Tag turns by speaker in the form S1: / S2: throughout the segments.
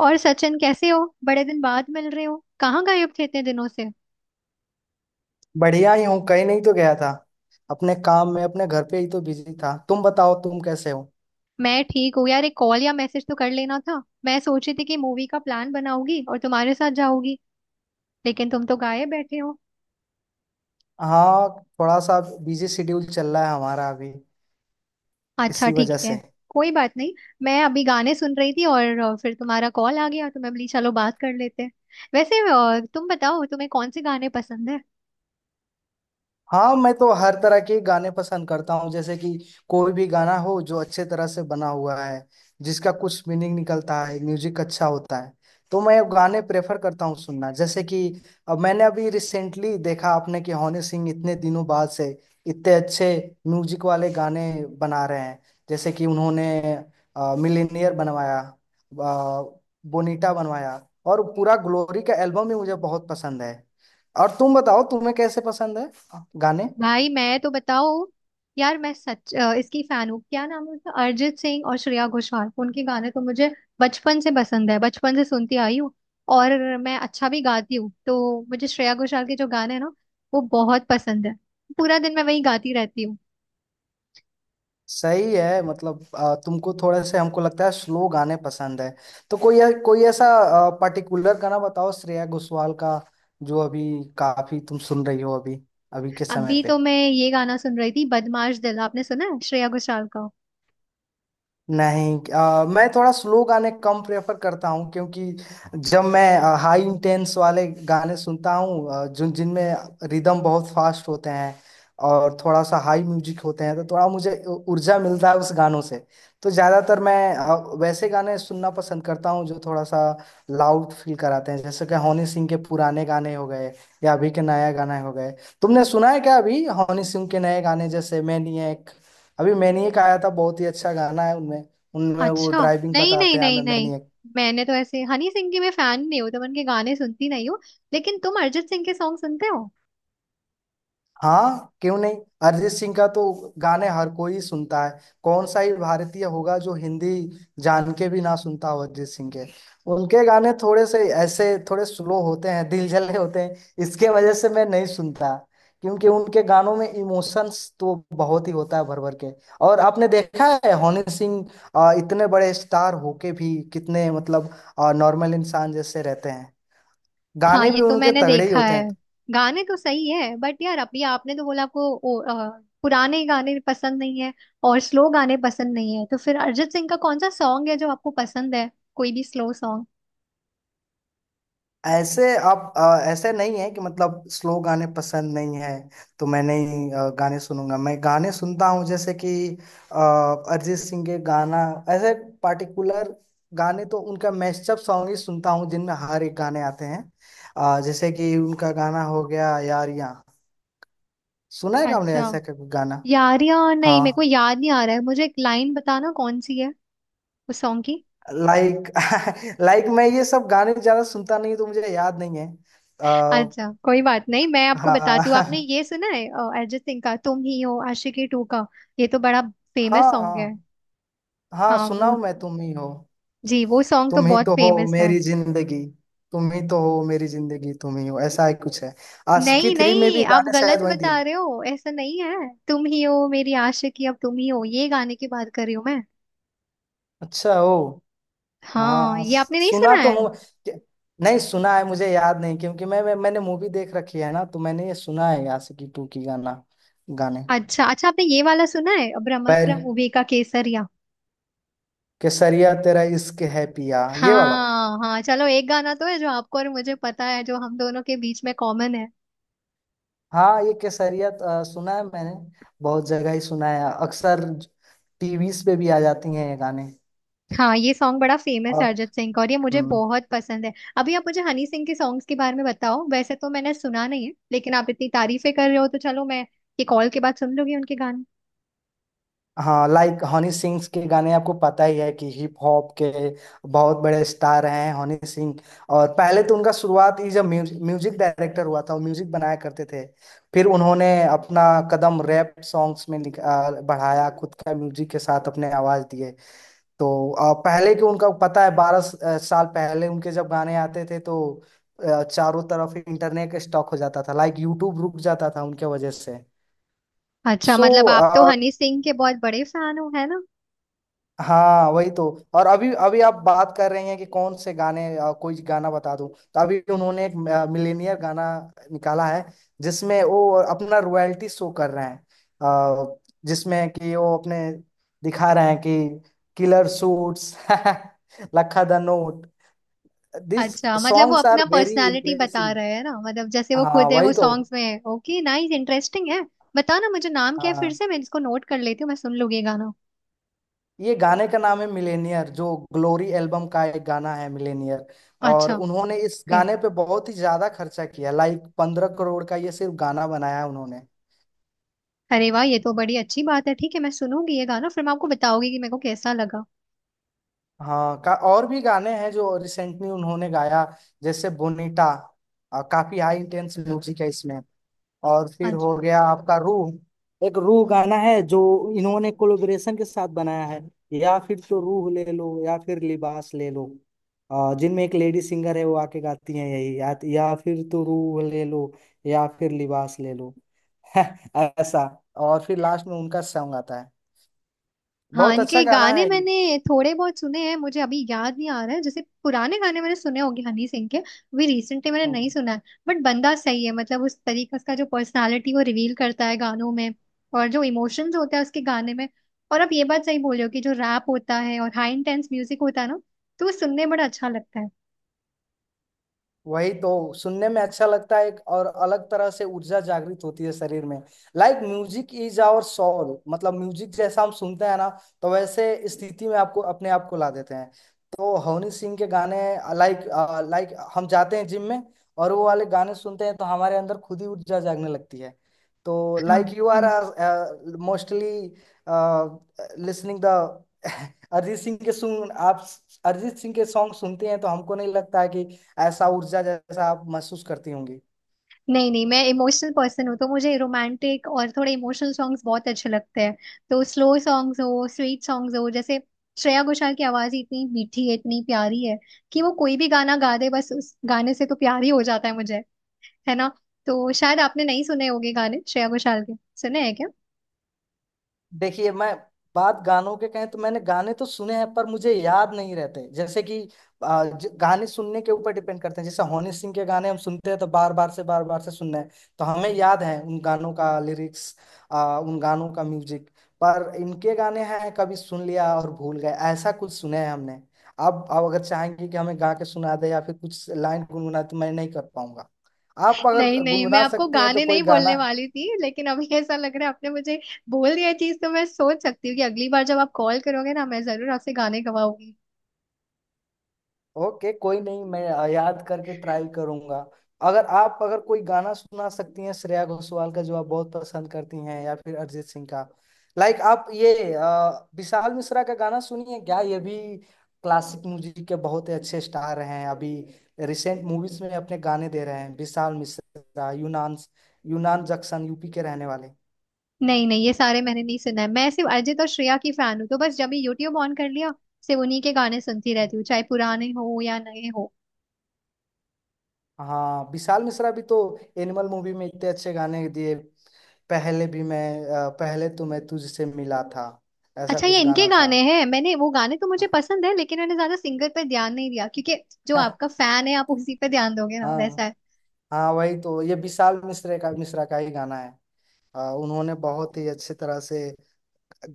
S1: और सचिन कैसे हो। बड़े दिन बाद मिल रहे हो, कहाँ गायब थे इतने दिनों से।
S2: बढ़िया ही हूँ। कहीं नहीं तो गया था। अपने काम में अपने घर पे ही तो बिजी था। तुम बताओ तुम कैसे हो।
S1: मैं ठीक हूँ यार, एक कॉल या मैसेज तो कर लेना था। मैं सोची थी कि मूवी का प्लान बनाऊंगी और तुम्हारे साथ जाऊंगी, लेकिन तुम तो गायब बैठे हो।
S2: हाँ, थोड़ा सा बिजी शेड्यूल चल रहा है हमारा अभी।
S1: अच्छा
S2: इसी
S1: ठीक
S2: वजह
S1: है,
S2: से।
S1: कोई बात नहीं। मैं अभी गाने सुन रही थी और फिर तुम्हारा कॉल आ गया तो मैं बोली चलो बात कर लेते हैं। वैसे तुम बताओ तुम्हें कौन से गाने पसंद है।
S2: हाँ, मैं तो हर तरह के गाने पसंद करता हूँ जैसे कि कोई भी गाना हो जो अच्छे तरह से बना हुआ है, जिसका कुछ मीनिंग निकलता है, म्यूजिक अच्छा होता है, तो मैं गाने प्रेफर करता हूँ सुनना। जैसे कि अब मैंने अभी रिसेंटली देखा आपने कि हनी सिंह इतने दिनों बाद से इतने अच्छे म्यूजिक वाले गाने बना रहे हैं। जैसे कि उन्होंने मिलीनियर बनवाया, बोनीटा बनवाया, और पूरा ग्लोरी का एल्बम ही मुझे बहुत पसंद है। और तुम बताओ तुम्हें कैसे पसंद है गाने।
S1: भाई मैं तो बताओ यार, मैं सच इसकी फैन हूँ, क्या नाम है उसका, अरिजीत सिंह और श्रेया घोषाल। उनके गाने तो मुझे बचपन से पसंद है, बचपन से सुनती आई हूँ। और मैं अच्छा भी गाती हूँ तो मुझे श्रेया घोषाल के जो गाने हैं ना वो बहुत पसंद है। पूरा दिन मैं वही गाती रहती हूँ।
S2: सही है। मतलब तुमको थोड़े से हमको लगता है स्लो गाने पसंद है। तो कोई कोई ऐसा पर्टिकुलर गाना बताओ श्रेया घोषाल का जो अभी काफी तुम सुन रही हो, अभी अभी के समय
S1: अभी
S2: पे।
S1: तो मैं ये गाना सुन रही थी, बदमाश दिल, आपने सुना है श्रेया घोषाल का?
S2: नहीं, मैं थोड़ा स्लो गाने कम प्रेफर करता हूँ, क्योंकि जब मैं हाई इंटेंस वाले गाने सुनता हूँ जिनमें रिदम बहुत फास्ट होते हैं और थोड़ा सा हाई म्यूजिक होते हैं, तो थोड़ा मुझे ऊर्जा मिलता है उस गानों से। तो ज़्यादातर मैं वैसे गाने सुनना पसंद करता हूँ जो थोड़ा सा लाउड फील कराते हैं। जैसे कि हनी सिंह के पुराने गाने हो गए या अभी के नया गाने हो गए। तुमने सुना है क्या अभी हनी सिंह के नए गाने जैसे मैनिएक। अभी मैनिएक आया था, बहुत ही अच्छा गाना है। उनमें उनमें वो
S1: अच्छा।
S2: ड्राइविंग
S1: नहीं नहीं
S2: बताते हैं
S1: नहीं
S2: हमें,
S1: नहीं,
S2: मैनिएक।
S1: मैंने तो ऐसे हनी सिंह की मैं फैन नहीं हूँ तो मैं उनके गाने सुनती नहीं हूँ। लेकिन तुम अरिजीत सिंह के सॉन्ग सुनते हो?
S2: हाँ, क्यों नहीं। अरिजीत सिंह का तो गाने हर कोई सुनता है। कौन सा ही भारतीय होगा जो हिंदी जान के भी ना सुनता हो अरिजीत सिंह के। उनके गाने थोड़े से ऐसे थोड़े स्लो होते हैं, दिल जले होते हैं, इसके वजह से मैं नहीं सुनता। क्योंकि उनके गानों में इमोशंस तो बहुत ही होता है भर भर के। और आपने देखा है हनी सिंह इतने बड़े स्टार होके भी कितने मतलब नॉर्मल इंसान जैसे रहते हैं।
S1: हाँ
S2: गाने
S1: ये
S2: भी
S1: तो
S2: उनके
S1: मैंने
S2: तगड़े ही
S1: देखा
S2: होते
S1: है।
S2: हैं।
S1: गाने तो सही है बट यार, अभी आपने तो बोला आपको पुराने गाने पसंद नहीं है और स्लो गाने पसंद नहीं है, तो फिर अरिजीत सिंह का कौन सा सॉन्ग है जो आपको पसंद है? कोई भी स्लो सॉन्ग।
S2: ऐसे आप, ऐसे नहीं है कि मतलब स्लो गाने पसंद नहीं है तो मैं नहीं गाने सुनूंगा। मैं गाने सुनता हूँ जैसे कि अ, अरिजीत सिंह के गाना, ऐसे पार्टिकुलर गाने तो उनका मैशअप सॉन्ग ही सुनता हूँ जिनमें हर एक गाने आते हैं। जैसे कि उनका गाना हो गया यारियां। सुना है क्या आपने
S1: अच्छा,
S2: ऐसा का कोई गाना।
S1: यारियां, नहीं मेरे को
S2: हाँ।
S1: याद नहीं आ रहा है, मुझे एक लाइन बताना कौन सी है उस सॉन्ग की।
S2: लाइक लाइक मैं ये सब गाने ज्यादा सुनता नहीं, तो मुझे याद नहीं है। आ,
S1: अच्छा कोई बात नहीं, मैं आपको बताती हूँ। आपने
S2: हाँ
S1: ये सुना है अरिजीत सिंह का तुम ही हो, आशिकी टू का? ये तो बड़ा फेमस
S2: हाँ,
S1: सॉन्ग है।
S2: हाँ। हाँ
S1: हाँ वो
S2: सुनाओ, मैं तुम ही हो।
S1: जी, वो सॉन्ग तो
S2: तुम ही
S1: बहुत
S2: तो हो
S1: फेमस है।
S2: मेरी जिंदगी। तुम ही तो हो मेरी जिंदगी, तुम ही हो, ऐसा ही कुछ है। आशिकी
S1: नहीं
S2: थ्री में
S1: नहीं
S2: भी
S1: आप
S2: गाने
S1: गलत
S2: शायद वही दिए।
S1: बता रहे हो, ऐसा नहीं है। तुम ही हो मेरी आशिकी अब, तुम ही हो, ये गाने की बात कर रही हूँ मैं।
S2: अच्छा हो।
S1: हाँ
S2: हाँ,
S1: ये आपने नहीं
S2: सुना
S1: सुना
S2: तो
S1: है।
S2: हूँ। नहीं सुना है, मुझे याद नहीं। क्योंकि मैं मैंने मूवी देख रखी है ना, तो मैंने ये सुना है आशिकी टू की गाना, गाने।
S1: अच्छा अच्छा, आपने ये वाला सुना है,
S2: पैर
S1: ब्रह्मास्त्र मूवी का, केसरिया?
S2: केसरिया तेरा इश्क है पिया, ये वाला।
S1: हाँ हाँ, चलो एक गाना तो है जो आपको और मुझे पता है, जो हम दोनों के बीच में कॉमन है।
S2: हाँ, ये केसरिया सुना है मैंने, बहुत जगह ही सुना है अक्सर। टीवीज पे भी आ जाती हैं ये गाने।
S1: हाँ ये सॉन्ग बड़ा फेमस है अरिजीत सिंह का, और ये मुझे
S2: हम्म,
S1: बहुत पसंद है। अभी आप मुझे हनी सिंह के सॉन्ग्स के बारे में बताओ, वैसे तो मैंने सुना नहीं है लेकिन आप इतनी तारीफें कर रहे हो तो चलो मैं ये कॉल के बाद सुन लूंगी उनके गाने।
S2: हाँ, लाइक हनी सिंह के गाने आपको पता ही है कि हिप हॉप के बहुत बड़े स्टार हैं हनी सिंह। और पहले तो उनका शुरुआत ही जब म्यूजिक डायरेक्टर हुआ था, वो म्यूजिक बनाया करते थे। फिर उन्होंने अपना कदम रैप सॉन्ग्स में बढ़ाया, खुद का म्यूजिक के साथ अपने आवाज दिए। तो पहले के उनका पता है, साल पहले उनके जब गाने आते थे तो चारों तरफ इंटरनेट स्टॉक हो जाता था, लाइक यूट्यूब रुक जाता था उनके वजह से।
S1: अच्छा
S2: सो
S1: मतलब आप तो हनी सिंह के बहुत बड़े फैन हो, है ना?
S2: हाँ, वही तो। और अभी अभी आप बात कर रहे हैं कि कौन से गाने, कोई गाना बता दूं तो अभी उन्होंने एक मिलेनियर गाना निकाला है, जिसमें वो अपना रॉयल्टी शो कर रहे हैं। अ, जिसमें कि वो अपने दिखा रहे हैं कि किलर सूट्स लखा द नोट, दिस
S1: अच्छा मतलब वो
S2: सॉन्ग्स आर
S1: अपना
S2: वेरी
S1: पर्सनालिटी बता
S2: इम्प्रेसिव।
S1: रहे हैं ना, मतलब जैसे वो
S2: हाँ,
S1: खुद है
S2: वही
S1: वो
S2: तो।
S1: सॉन्ग्स में है। ओके, नाइस, इंटरेस्टिंग है। बताओ ना मुझे, नाम क्या है फिर
S2: हाँ,
S1: से, मैं इसको नोट कर लेती हूँ, मैं सुन लूंगी ये गाना।
S2: ये गाने का नाम है मिलेनियर, जो ग्लोरी एल्बम का एक गाना है, मिलेनियर। और
S1: अच्छा।
S2: उन्होंने इस
S1: ओके।
S2: गाने पे बहुत ही ज्यादा खर्चा किया, लाइक 15 करोड़ का ये सिर्फ गाना बनाया है उन्होंने।
S1: अरे वाह, ये तो बड़ी अच्छी बात है। ठीक है मैं सुनूंगी ये गाना, फिर मैं आपको बताऊंगी कि मेरे को कैसा लगा।
S2: हाँ, का और भी गाने हैं जो रिसेंटली उन्होंने गाया, जैसे बोनीटा। काफी हाई इंटेंस म्यूजिक है इसमें। और फिर
S1: अच्छा।
S2: हो गया आपका रूह, एक रूह गाना है जो इन्होंने कोलैबोरेशन के साथ बनाया है। या फिर तो रूह ले लो, या फिर लिबास ले लो। जिनमें एक लेडी सिंगर है वो आके गाती है, यही या फिर तो रूह ले लो या फिर लिबास ले लो ऐसा। और फिर लास्ट में उनका सॉन्ग आता है,
S1: हाँ
S2: बहुत अच्छा
S1: इनके
S2: गाना
S1: गाने
S2: है
S1: मैंने थोड़े बहुत सुने हैं, मुझे अभी याद नहीं आ रहा है, जैसे पुराने गाने मैंने सुने होंगे हनी सिंह के, अभी रिसेंटली मैंने
S2: ये।
S1: नहीं सुना है। बट बंदा सही है, मतलब उस तरीका उसका, जो पर्सनालिटी वो रिवील करता है गानों में, और जो इमोशंस होते हैं उसके गाने में। और आप ये बात सही बोल रहे हो कि जो रैप होता है और हाई इंटेंस म्यूजिक होता है ना, तो वो सुनने में बड़ा अच्छा लगता है।
S2: वही तो सुनने में अच्छा लगता है, एक और अलग तरह से ऊर्जा जागृत होती है शरीर में। Like music is our soul, मतलब म्यूजिक जैसा हम सुनते हैं ना, तो वैसे स्थिति में आपको अपने आप को ला देते हैं। तो हनी सिंह के गाने, लाइक लाइक हम जाते हैं जिम में और वो वाले गाने सुनते हैं, तो हमारे अंदर खुद ही ऊर्जा जागने लगती है। तो
S1: हाँ
S2: लाइक यू आर
S1: ये,
S2: mostly listening the Arijit Singh के, सुन आप अरिजीत सिंह के सॉन्ग सुनते हैं तो हमको नहीं लगता है कि ऐसा ऊर्जा जैसा आप महसूस करती होंगी।
S1: नहीं नहीं, मैं इमोशनल पर्सन हूँ तो मुझे रोमांटिक और थोड़े इमोशनल सॉन्ग्स बहुत अच्छे लगते हैं। तो स्लो सॉन्ग्स हो, स्वीट सॉन्ग्स हो, जैसे श्रेया घोषाल की आवाज ही इतनी मीठी है, इतनी प्यारी है, कि वो कोई भी गाना गा दे, बस उस गाने से तो प्यार ही हो जाता है मुझे, है ना। तो शायद आपने नहीं सुने होंगे गाने श्रेया घोषाल के, सुने हैं क्या?
S2: देखिए मैं, बात गानों के कहें तो मैंने गाने तो सुने हैं पर मुझे याद नहीं रहते। जैसे कि गाने सुनने के ऊपर डिपेंड करते हैं। जैसे हनी सिंह के गाने हम सुनते हैं तो बार बार से सुनना है, तो हमें याद है उन गानों का लिरिक्स, उन गानों का म्यूजिक। पर इनके गाने हैं कभी सुन लिया और भूल गए, ऐसा कुछ सुने हैं हमने। आप अगर चाहेंगे कि हमें गा के सुना दे या फिर कुछ लाइन गुनगुना, तो मैं नहीं कर पाऊंगा। आप
S1: नहीं
S2: अगर
S1: नहीं, मैं
S2: गुनगुना
S1: आपको
S2: सकती हैं तो
S1: गाने
S2: कोई
S1: नहीं
S2: गाना।
S1: बोलने वाली थी, लेकिन अभी ऐसा लग रहा है आपने मुझे बोल दिया चीज, तो मैं सोच सकती हूँ कि अगली बार जब आप कॉल करोगे ना, मैं जरूर आपसे गाने गवाऊंगी।
S2: ओके कोई नहीं, मैं याद करके ट्राई करूंगा। अगर आप, अगर कोई गाना सुना सकती हैं श्रेया घोषाल का जो आप बहुत पसंद करती हैं या फिर अरिजीत सिंह का। लाइक आप ये विशाल मिश्रा का गाना सुनिए क्या, ये भी क्लासिक म्यूजिक के बहुत ही अच्छे स्टार हैं अभी। रिसेंट मूवीज में अपने गाने दे रहे हैं विशाल मिश्रा, यूनान, यूनान जक्शन यूपी के रहने वाले।
S1: नहीं नहीं ये सारे मैंने नहीं सुना है, मैं सिर्फ अरिजीत और श्रेया की फैन हूँ, तो बस जब भी यूट्यूब ऑन कर लिया सिर्फ उन्हीं के गाने सुनती रहती हूँ, चाहे पुराने हो या नए हो।
S2: हाँ, विशाल मिश्रा भी तो एनिमल मूवी में इतने अच्छे गाने दिए। पहले भी मैं, पहले तो मैं तुझसे मिला था, ऐसा
S1: अच्छा ये
S2: कुछ
S1: इनके
S2: गाना था
S1: गाने हैं, मैंने वो गाने तो मुझे पसंद है, लेकिन मैंने ज्यादा सिंगर पे ध्यान नहीं दिया, क्योंकि जो आपका फैन है आप उसी पे ध्यान दोगे ना, वैसा
S2: हाँ,
S1: है।
S2: हाँ वही तो, ये विशाल मिश्रा का ही गाना है। उन्होंने बहुत ही अच्छे तरह से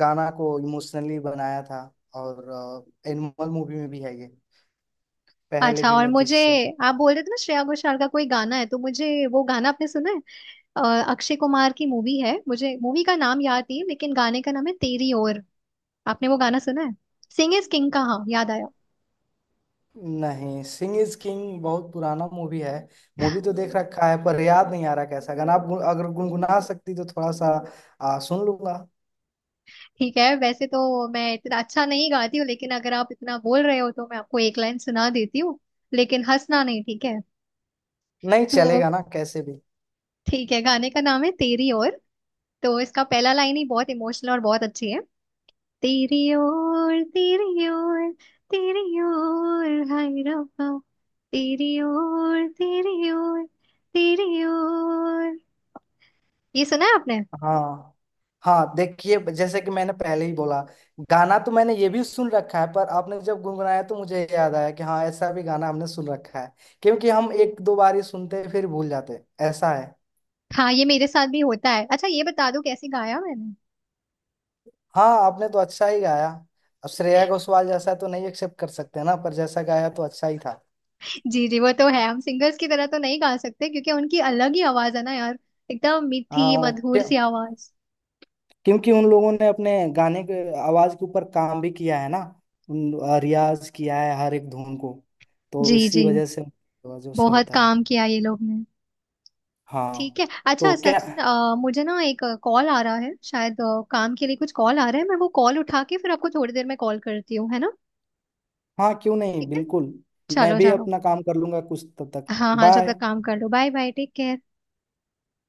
S2: गाना को इमोशनली बनाया था। और एनिमल मूवी में भी है ये, पहले
S1: अच्छा,
S2: भी
S1: और
S2: मैं
S1: मुझे
S2: तुझसे।
S1: आप बोल रहे थे ना श्रेया घोषाल का कोई गाना है, तो मुझे वो गाना, आपने सुना है अक्षय कुमार की मूवी है, मुझे मूवी का नाम याद नहीं है, लेकिन गाने का नाम है तेरी ओर। आपने वो गाना सुना है? सिंग इज किंग का, हाँ याद आया।
S2: नहीं, सिंह इज किंग बहुत पुराना मूवी है। मूवी तो देख रखा है पर याद नहीं आ रहा कैसा गाना। आप अगर गुनगुना सकती तो थोड़ा सा सुन लूंगा।
S1: ठीक है वैसे तो मैं इतना अच्छा नहीं गाती हूँ, लेकिन अगर आप इतना बोल रहे हो तो मैं आपको एक लाइन सुना देती हूँ, लेकिन हंसना नहीं, ठीक है?
S2: नहीं
S1: तो
S2: चलेगा ना कैसे भी।
S1: ठीक है, गाने का नाम है तेरी ओर, तो इसका पहला लाइन ही बहुत इमोशनल और बहुत अच्छी है। तेरी ओर तेरी ओर, तेरी ओर हाय रब्बा, तेरी ओर तेरी ओर, तेरी ओर। ये सुना है आपने?
S2: हाँ, हाँ, देखिए जैसे कि मैंने पहले ही बोला, गाना तो मैंने ये भी सुन रखा है पर आपने जब गुनगुनाया तो मुझे याद आया कि हाँ, ऐसा भी गाना हमने सुन रखा है। क्योंकि हम एक दो बार ही सुनते हैं, फिर भूल जाते हैं। ऐसा है।
S1: हाँ ये मेरे साथ भी होता है। अच्छा ये बता दो कैसे गाया मैंने?
S2: हाँ, आपने तो अच्छा ही गाया। अब श्रेया घोषाल जैसा तो नहीं एक्सेप्ट कर सकते ना, पर जैसा गाया तो अच्छा ही था।
S1: जी जी वो तो है, हम सिंगर्स की तरह तो नहीं गा सकते, क्योंकि उनकी अलग ही आवाज है ना यार, एकदम मीठी
S2: हाँ
S1: मधुर सी आवाज।
S2: क्योंकि उन लोगों ने अपने गाने के आवाज के ऊपर काम भी किया है ना। उन रियाज किया है हर एक धुन को, तो
S1: जी
S2: इसी
S1: जी,
S2: वजह से
S1: बहुत
S2: होता है।
S1: काम किया ये लोग ने। ठीक
S2: हाँ
S1: है
S2: तो
S1: अच्छा
S2: क्या,
S1: सचिन, मुझे ना एक कॉल आ रहा है, शायद काम के लिए कुछ कॉल आ रहा है, मैं वो कॉल उठा के फिर आपको थोड़ी देर में कॉल करती हूँ, है ना?
S2: हाँ क्यों नहीं
S1: ठीक है,
S2: बिल्कुल। मैं
S1: चलो
S2: भी
S1: चलो।
S2: अपना काम कर लूंगा कुछ तब तक।
S1: हाँ हाँ जब तक
S2: बाय।
S1: काम कर लो, बाय बाय, टेक केयर।